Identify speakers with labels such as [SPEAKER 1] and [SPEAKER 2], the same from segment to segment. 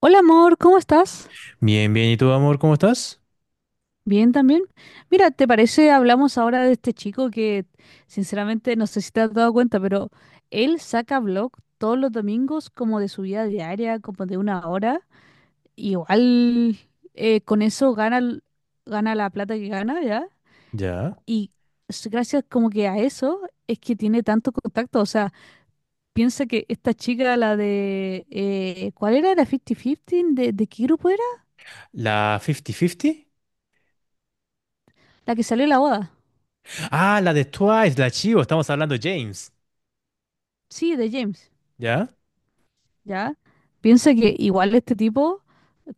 [SPEAKER 1] Hola amor, ¿cómo estás?
[SPEAKER 2] Bien, bien. ¿Y tú, amor, cómo estás?
[SPEAKER 1] Bien también. Mira, ¿te parece? Hablamos ahora de este chico que sinceramente no sé si te has dado cuenta, pero él saca vlog todos los domingos como de su vida diaria, como de una hora. Igual con eso gana, gana la plata que gana, ¿ya?
[SPEAKER 2] Ya.
[SPEAKER 1] Y gracias como que a eso es que tiene tanto contacto. O sea, piensa que esta chica, la de, ¿cuál era? ¿La 50-50? ¿De qué grupo era?
[SPEAKER 2] ¿La 50-50?
[SPEAKER 1] La que salió en la boda.
[SPEAKER 2] Ah, la de Twice, la Chivo. Estamos hablando de James.
[SPEAKER 1] Sí, de James.
[SPEAKER 2] ¿Ya?
[SPEAKER 1] ¿Ya? Piensa que igual este tipo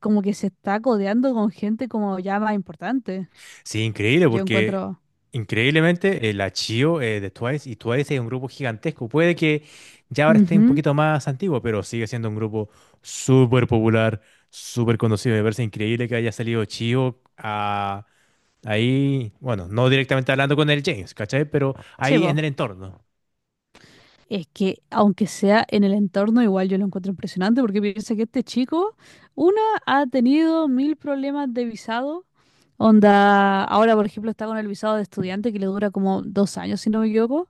[SPEAKER 1] como que se está codeando con gente como ya más importante.
[SPEAKER 2] Sí, increíble,
[SPEAKER 1] Yo
[SPEAKER 2] porque
[SPEAKER 1] encuentro.
[SPEAKER 2] increíblemente la Chivo de Twice y Twice es un grupo gigantesco. Puede que ya ahora esté un
[SPEAKER 1] Ujú.
[SPEAKER 2] poquito más antiguo, pero sigue siendo un grupo súper popular, súper conocido. Me parece increíble que haya salido Chivo a, ahí, bueno, no directamente hablando con el James, ¿cachai? Pero
[SPEAKER 1] Sí,
[SPEAKER 2] ahí en
[SPEAKER 1] po.
[SPEAKER 2] el entorno.
[SPEAKER 1] Es que aunque sea en el entorno, igual yo lo encuentro impresionante porque piensa que este chico, una, ha tenido mil problemas de visado. Onda, ahora por ejemplo está con el visado de estudiante que le dura como 2 años, si no me equivoco.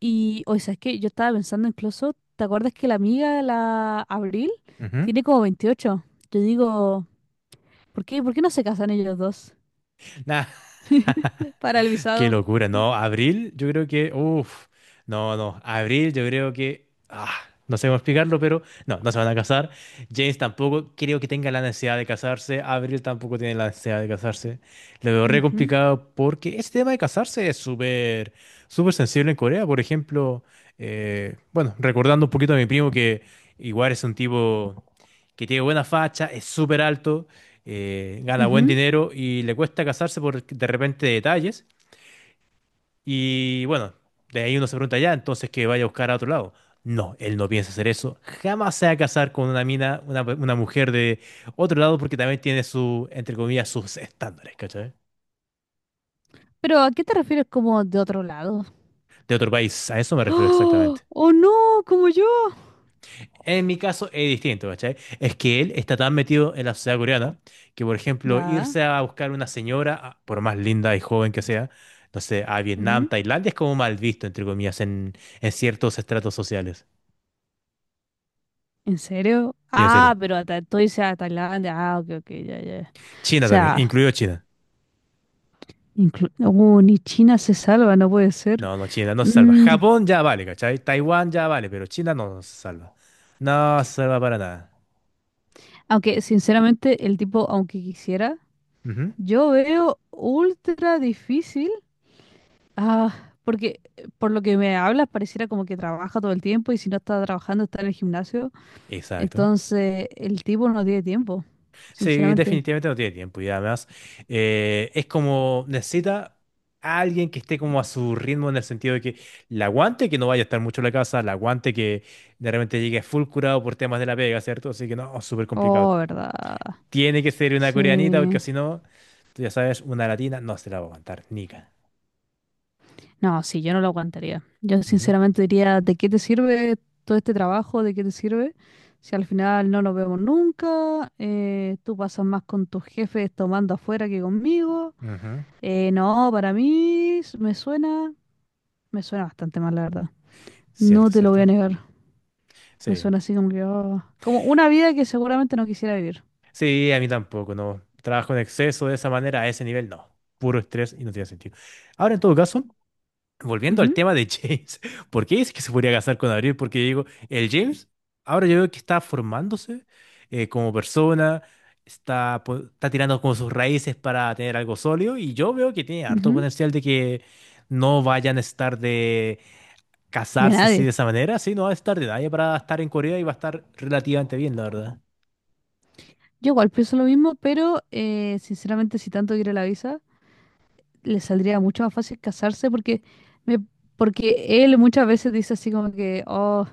[SPEAKER 1] Y, o sea, es que yo estaba pensando incluso, ¿te acuerdas que la amiga, la Abril,
[SPEAKER 2] Ujú.
[SPEAKER 1] tiene como 28? Yo digo. ¿Por qué? ¿Por qué no se casan ellos dos?
[SPEAKER 2] Nah.
[SPEAKER 1] Para el
[SPEAKER 2] Qué
[SPEAKER 1] visado.
[SPEAKER 2] locura, ¿no? Abril, yo creo que, uff, no, no, Abril, yo creo que, no sé cómo explicarlo, pero no, no se van a casar. James tampoco creo que tenga la necesidad de casarse. Abril tampoco tiene la necesidad de casarse. Lo veo re
[SPEAKER 1] Ujú,
[SPEAKER 2] complicado porque ese tema de casarse es súper, súper sensible en Corea. Por ejemplo, bueno, recordando un poquito a mi primo que igual es un tipo que tiene buena facha, es súper alto, gana buen
[SPEAKER 1] ujú.
[SPEAKER 2] dinero y le cuesta casarse por de repente detalles. Y bueno, de ahí uno se pregunta ya, entonces que vaya a buscar a otro lado. No, él no piensa hacer eso. Jamás se va a casar con una mina, una, mujer de otro lado, porque también tiene su, entre comillas, sus estándares, ¿cachai?
[SPEAKER 1] Pero ¿a qué te refieres como de otro lado?
[SPEAKER 2] De otro país, a eso me refiero
[SPEAKER 1] ¡Oh!
[SPEAKER 2] exactamente.
[SPEAKER 1] ¡Oh no! ¡Como yo!
[SPEAKER 2] En mi caso es distinto, ¿cachai? Es que él está tan metido en la sociedad coreana que, por ejemplo,
[SPEAKER 1] Ya.
[SPEAKER 2] irse a buscar una señora, a- por más linda y joven que sea, no sé, a Vietnam,
[SPEAKER 1] Ujú.
[SPEAKER 2] Tailandia, es como mal visto, entre comillas, en ciertos estratos sociales.
[SPEAKER 1] ¿En serio?
[SPEAKER 2] Y en
[SPEAKER 1] Ah,
[SPEAKER 2] serio.
[SPEAKER 1] pero hasta tú dices a Tailandia. Ah, ok, ok, ya, ya. O
[SPEAKER 2] China también,
[SPEAKER 1] sea,
[SPEAKER 2] incluido China.
[SPEAKER 1] ni China se salva, no puede ser.
[SPEAKER 2] No, no, China no se salva.
[SPEAKER 1] Mm,
[SPEAKER 2] Japón ya vale, ¿cachai? Taiwán ya vale, pero China no se salva. No se salva para nada.
[SPEAKER 1] aunque, sinceramente, el tipo, aunque quisiera,
[SPEAKER 2] Ujú,
[SPEAKER 1] yo veo ultra difícil. Ah, porque por lo que me hablas pareciera como que trabaja todo el tiempo y si no está trabajando está en el gimnasio.
[SPEAKER 2] exacto.
[SPEAKER 1] Entonces el tipo no tiene tiempo,
[SPEAKER 2] Sí,
[SPEAKER 1] sinceramente.
[SPEAKER 2] definitivamente no tiene tiempo y además es como necesita a alguien que esté como a su ritmo en el sentido de que la aguante, que no vaya a estar mucho en la casa, la aguante que de repente llegue full curado por temas de la pega, ¿cierto? Así que no, súper complicado.
[SPEAKER 1] Oh, verdad.
[SPEAKER 2] Tiene que ser una coreanita porque
[SPEAKER 1] Sí.
[SPEAKER 2] si no, tú ya sabes, una latina no se la va a aguantar, nica.
[SPEAKER 1] No, sí, yo no lo aguantaría. Yo
[SPEAKER 2] Ujú,
[SPEAKER 1] sinceramente diría, ¿de qué te sirve todo este trabajo? ¿De qué te sirve? Si al final no nos vemos nunca, tú pasas más con tus jefes tomando afuera que conmigo.
[SPEAKER 2] ujú.
[SPEAKER 1] No, para mí me suena bastante mal, la verdad. No
[SPEAKER 2] Cierto,
[SPEAKER 1] te lo voy a
[SPEAKER 2] cierto.
[SPEAKER 1] negar. Me
[SPEAKER 2] Sí.
[SPEAKER 1] suena así como que, oh, como una vida que seguramente no quisiera vivir.
[SPEAKER 2] Sí, a mí tampoco, no. Trabajo en exceso de esa manera, a ese nivel, no. Puro estrés y no tiene sentido. Ahora, en todo caso, volviendo al
[SPEAKER 1] Ujú,
[SPEAKER 2] tema de James, ¿por qué dice que se podría casar con Abril? Porque digo, el James, ahora yo veo que está formándose como persona, está, po- está tirando como sus raíces para tener algo sólido, y yo veo que tiene harto
[SPEAKER 1] ujú.
[SPEAKER 2] potencial de que no vayan a estar de
[SPEAKER 1] De
[SPEAKER 2] casarse así
[SPEAKER 1] nadie.
[SPEAKER 2] de esa manera, sí, no va a estar de nadie para estar en Corea y va a estar relativamente bien, la verdad.
[SPEAKER 1] Yo igual pienso lo mismo, pero sinceramente si tanto quiere la visa, le saldría mucho más fácil casarse me, porque él muchas veces dice así como que, oh,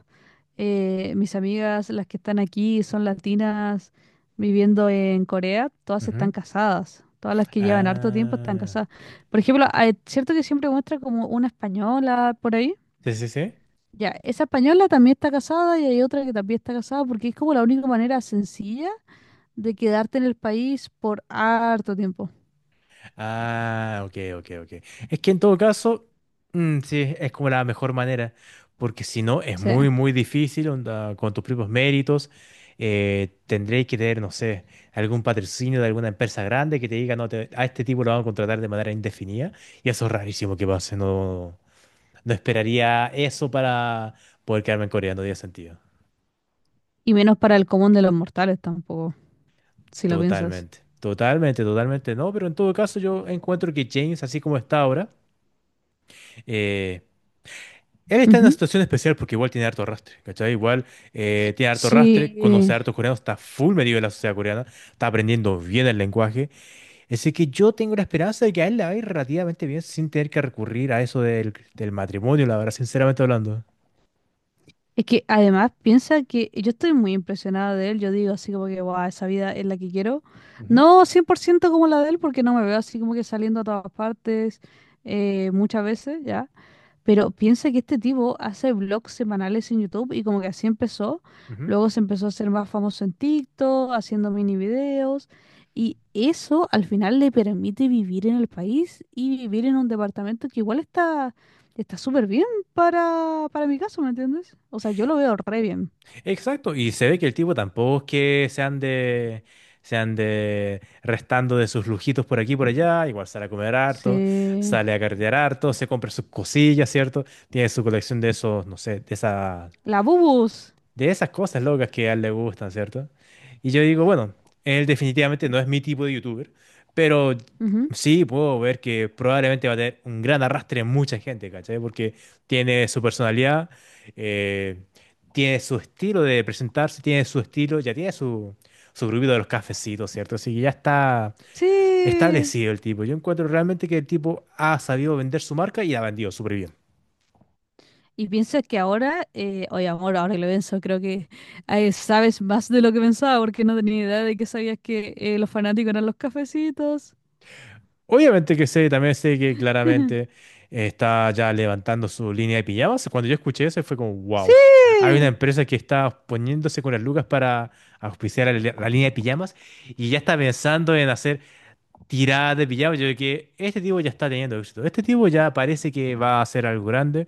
[SPEAKER 1] mis amigas, las que están aquí, son latinas viviendo en Corea, todas están casadas. Todas las que llevan harto tiempo están
[SPEAKER 2] Ah,
[SPEAKER 1] casadas. Por ejemplo, ah, es cierto que siempre muestra como una española por ahí.
[SPEAKER 2] sí, sí, sí.
[SPEAKER 1] Ya, esa española también está casada y hay otra que también está casada porque es como la única manera sencilla de quedarte en el país por harto tiempo.
[SPEAKER 2] Ah, ok, ok, ok. Es que en todo caso, mm, sí, es como la mejor manera, porque si no, es
[SPEAKER 1] Sí.
[SPEAKER 2] muy, muy difícil, onda, con tus propios méritos, tendréis que tener, no sé, algún patrocinio de alguna empresa grande que te diga, no, te- a este tipo lo van a contratar de manera indefinida, y eso es rarísimo que pase, no, no esperaría eso para poder quedarme en Corea, no tiene sentido.
[SPEAKER 1] Y menos para el común de los mortales tampoco, si lo piensas.
[SPEAKER 2] Totalmente, totalmente, totalmente. No, pero en todo caso yo encuentro que James, así como está ahora, eh, él está en una
[SPEAKER 1] Ujú.
[SPEAKER 2] situación especial porque igual tiene harto rastre, ¿cachai? Igual tiene harto rastre, conoce
[SPEAKER 1] Sí.
[SPEAKER 2] a hartos coreanos, está full metido en la sociedad coreana, está aprendiendo bien el lenguaje. Así que yo tengo la esperanza de que a él le va a ir relativamente bien sin tener que recurrir a eso del matrimonio, la verdad, sinceramente hablando.
[SPEAKER 1] Es que además piensa que yo estoy muy impresionada de él. Yo digo así como que, wow, esa vida es la que quiero.
[SPEAKER 2] Ujú,
[SPEAKER 1] No 100% como la de él porque no me veo así como que saliendo a todas partes muchas veces, ya. Pero piensa que este tipo hace vlogs semanales en YouTube y como que así empezó.
[SPEAKER 2] ujú.
[SPEAKER 1] Luego se empezó a hacer más famoso en TikTok, haciendo mini videos. Y eso al final le permite vivir en el país y vivir en un departamento que igual está súper bien para, mi caso, ¿me entiendes? O sea, yo lo veo re bien.
[SPEAKER 2] Exacto, y se ve que el tipo tampoco es que se ande restando de sus lujitos por aquí y por allá, igual sale a comer harto,
[SPEAKER 1] Sí.
[SPEAKER 2] sale a carretear harto, se compra sus cosillas, ¿cierto? Tiene su colección de esos, no sé,
[SPEAKER 1] La Bubus.
[SPEAKER 2] de esas cosas locas que a él le gustan, ¿cierto? Y yo digo, bueno, él definitivamente no es mi tipo de youtuber, pero
[SPEAKER 1] Ujú.
[SPEAKER 2] sí puedo ver que probablemente va a tener un gran arrastre en mucha gente, ¿cachai? Porque tiene su personalidad, eh, tiene su estilo de presentarse, tiene su estilo, ya tiene su, su grupito de los cafecitos, ¿cierto? Así que ya está
[SPEAKER 1] Sí.
[SPEAKER 2] establecido el tipo. Yo encuentro realmente que el tipo ha sabido vender su marca y la ha vendido súper bien.
[SPEAKER 1] Y piensas que ahora, oye amor, ahora que lo pienso, creo que sabes más de lo que pensaba porque no tenía idea de que sabías que los fanáticos eran los cafecitos.
[SPEAKER 2] Obviamente que sé, también sé que claramente está ya levantando su línea de pijamas. Cuando yo escuché eso fue como,
[SPEAKER 1] Sí,
[SPEAKER 2] wow, hay una empresa que está poniéndose con las lucas para auspiciar la línea de pijamas y ya está pensando en hacer tiradas de pijamas. Yo creo que este tipo ya está teniendo éxito. Este tipo ya parece que va a hacer algo grande,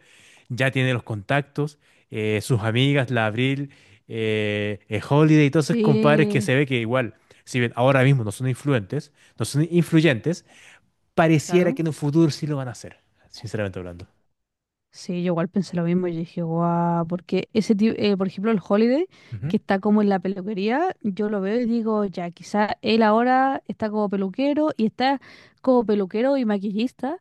[SPEAKER 2] ya tiene los contactos, sus amigas, la Abril, Holiday y todos esos compadres que
[SPEAKER 1] sí,
[SPEAKER 2] se ve que igual, si bien ahora mismo no son influentes, no son influyentes, pareciera
[SPEAKER 1] claro.
[SPEAKER 2] que en un futuro sí lo van a hacer, sinceramente hablando.
[SPEAKER 1] Sí, yo igual pensé lo mismo. Yo dije, guau, porque ese tipo, por ejemplo, el Holiday,
[SPEAKER 2] Ujú.
[SPEAKER 1] que está como en la peluquería, yo lo veo y digo, ya, quizá él ahora está como peluquero y está como peluquero y maquillista.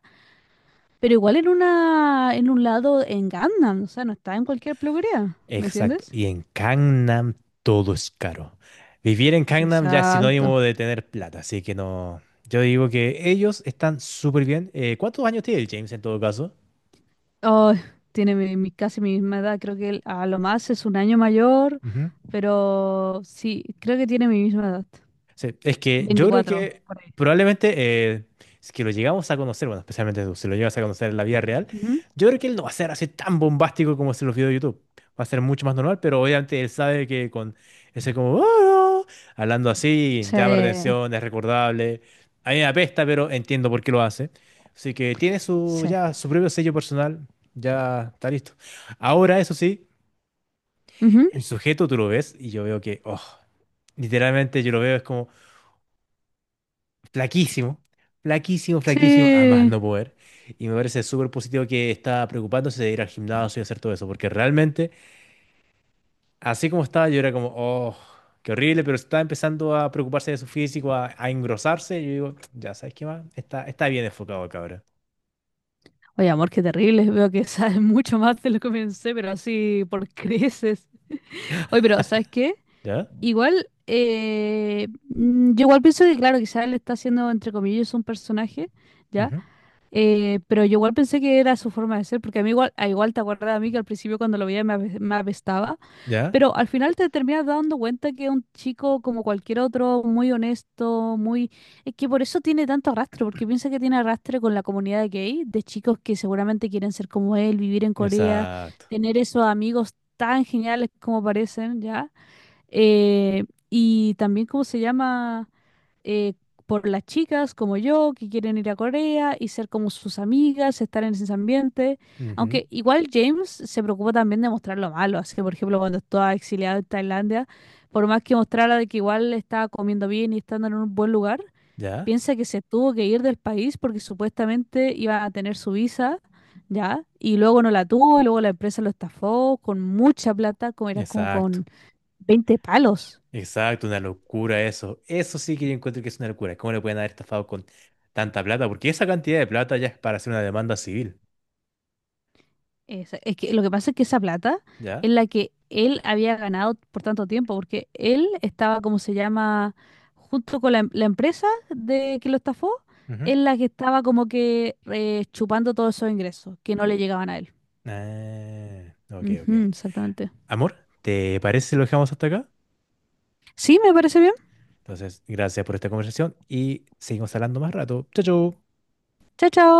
[SPEAKER 1] Pero igual en un lado en Gangnam, o sea, no está en cualquier peluquería, ¿me
[SPEAKER 2] Exacto.
[SPEAKER 1] entiendes?
[SPEAKER 2] Y en Gangnam todo es caro. Vivir en Gangnam ya es
[SPEAKER 1] Exacto.
[SPEAKER 2] sinónimo de tener plata, así que no. Yo digo que ellos están súper bien. ¿Cuántos años tiene el James en todo caso?
[SPEAKER 1] Oh, tiene casi mi misma edad, creo que él a lo más es un año mayor, pero sí, creo que tiene mi misma edad.
[SPEAKER 2] Sí, es que yo creo
[SPEAKER 1] 24
[SPEAKER 2] que
[SPEAKER 1] por ahí.
[SPEAKER 2] probablemente eh, si que lo llegamos a conocer, bueno, especialmente tú, si lo llegas a conocer en la vida real,
[SPEAKER 1] Ujú.
[SPEAKER 2] yo creo que él no va a ser así tan bombástico como se los videos de YouTube. Va a ser mucho más normal, pero obviamente él sabe que con ese como, "Ah", hablando así,
[SPEAKER 1] Sí,
[SPEAKER 2] llama la atención, es recordable. A mí me apesta, pero entiendo por qué lo hace. Así que tiene su,
[SPEAKER 1] sí.
[SPEAKER 2] ya, su propio sello personal, ya está listo. Ahora, eso sí,
[SPEAKER 1] Ujú.
[SPEAKER 2] el sujeto tú lo ves y yo veo que, oh, literalmente yo lo veo, es como... flaquísimo, flaquísimo, flaquísimo, a más
[SPEAKER 1] Sí.
[SPEAKER 2] no poder. Y me parece súper positivo que está preocupándose de ir al gimnasio y hacer todo eso, porque realmente, así como estaba, yo era como, oh, qué horrible, pero estaba empezando a preocuparse de su físico, a engrosarse. Y yo digo, ya, ¿sabes qué más? Está, está bien enfocado, cabra.
[SPEAKER 1] Oye, amor, qué terrible. Veo que sabes mucho más de lo que pensé, pero así por creces. Oye, pero ¿sabes qué?
[SPEAKER 2] ¿Ya?
[SPEAKER 1] Igual, yo igual pienso que, claro, quizás le está haciendo, entre comillas, un personaje, ¿Ya?
[SPEAKER 2] Ujú.
[SPEAKER 1] Pero yo igual pensé que era su forma de ser, porque a mí igual, a igual te acuerdas a mí que al principio cuando lo veía me apestaba,
[SPEAKER 2] ¿Ya?
[SPEAKER 1] pero al final te terminas dando cuenta que es un chico como cualquier otro, muy honesto, muy. Es que por eso tiene tanto arrastre, porque piensa que tiene arrastre con la comunidad gay, de chicos que seguramente quieren ser como él, vivir en Corea,
[SPEAKER 2] Exacto.
[SPEAKER 1] tener esos amigos tan geniales como parecen, ¿ya? Eh, y también, ¿cómo se llama? eh, por las chicas como yo que quieren ir a Corea y ser como sus amigas, estar en ese ambiente.
[SPEAKER 2] Ujú.
[SPEAKER 1] Aunque igual James se preocupa también de mostrar lo malo. Así que, por ejemplo, cuando estaba exiliado en Tailandia, por más que mostrara de que igual estaba comiendo bien y estando en un buen lugar,
[SPEAKER 2] ¿Ya?
[SPEAKER 1] piensa que se tuvo que ir del país porque supuestamente iba a tener su visa. ¿Ya? Y luego no la tuvo, y luego la empresa lo estafó con mucha plata, como era como
[SPEAKER 2] Exacto.
[SPEAKER 1] con veinte palos.
[SPEAKER 2] Exacto, una locura eso. Eso sí que yo encuentro que es una locura. ¿Cómo le pueden haber estafado con tanta plata? Porque esa cantidad de plata ya es para hacer una demanda civil.
[SPEAKER 1] Es que lo que pasa es que esa plata es
[SPEAKER 2] Ya.
[SPEAKER 1] la que él había ganado por tanto tiempo, porque él estaba, como se llama, junto con la empresa de que lo estafó,
[SPEAKER 2] Ujú.
[SPEAKER 1] es la que estaba como que chupando todos esos ingresos que no le llegaban a él.
[SPEAKER 2] Ah, ok, ok.
[SPEAKER 1] Ujú, exactamente.
[SPEAKER 2] Amor, ¿te parece si lo dejamos hasta acá?
[SPEAKER 1] Sí, me parece bien.
[SPEAKER 2] Entonces, gracias por esta conversación y seguimos hablando más rato. Chao, chao.
[SPEAKER 1] Chao, chao.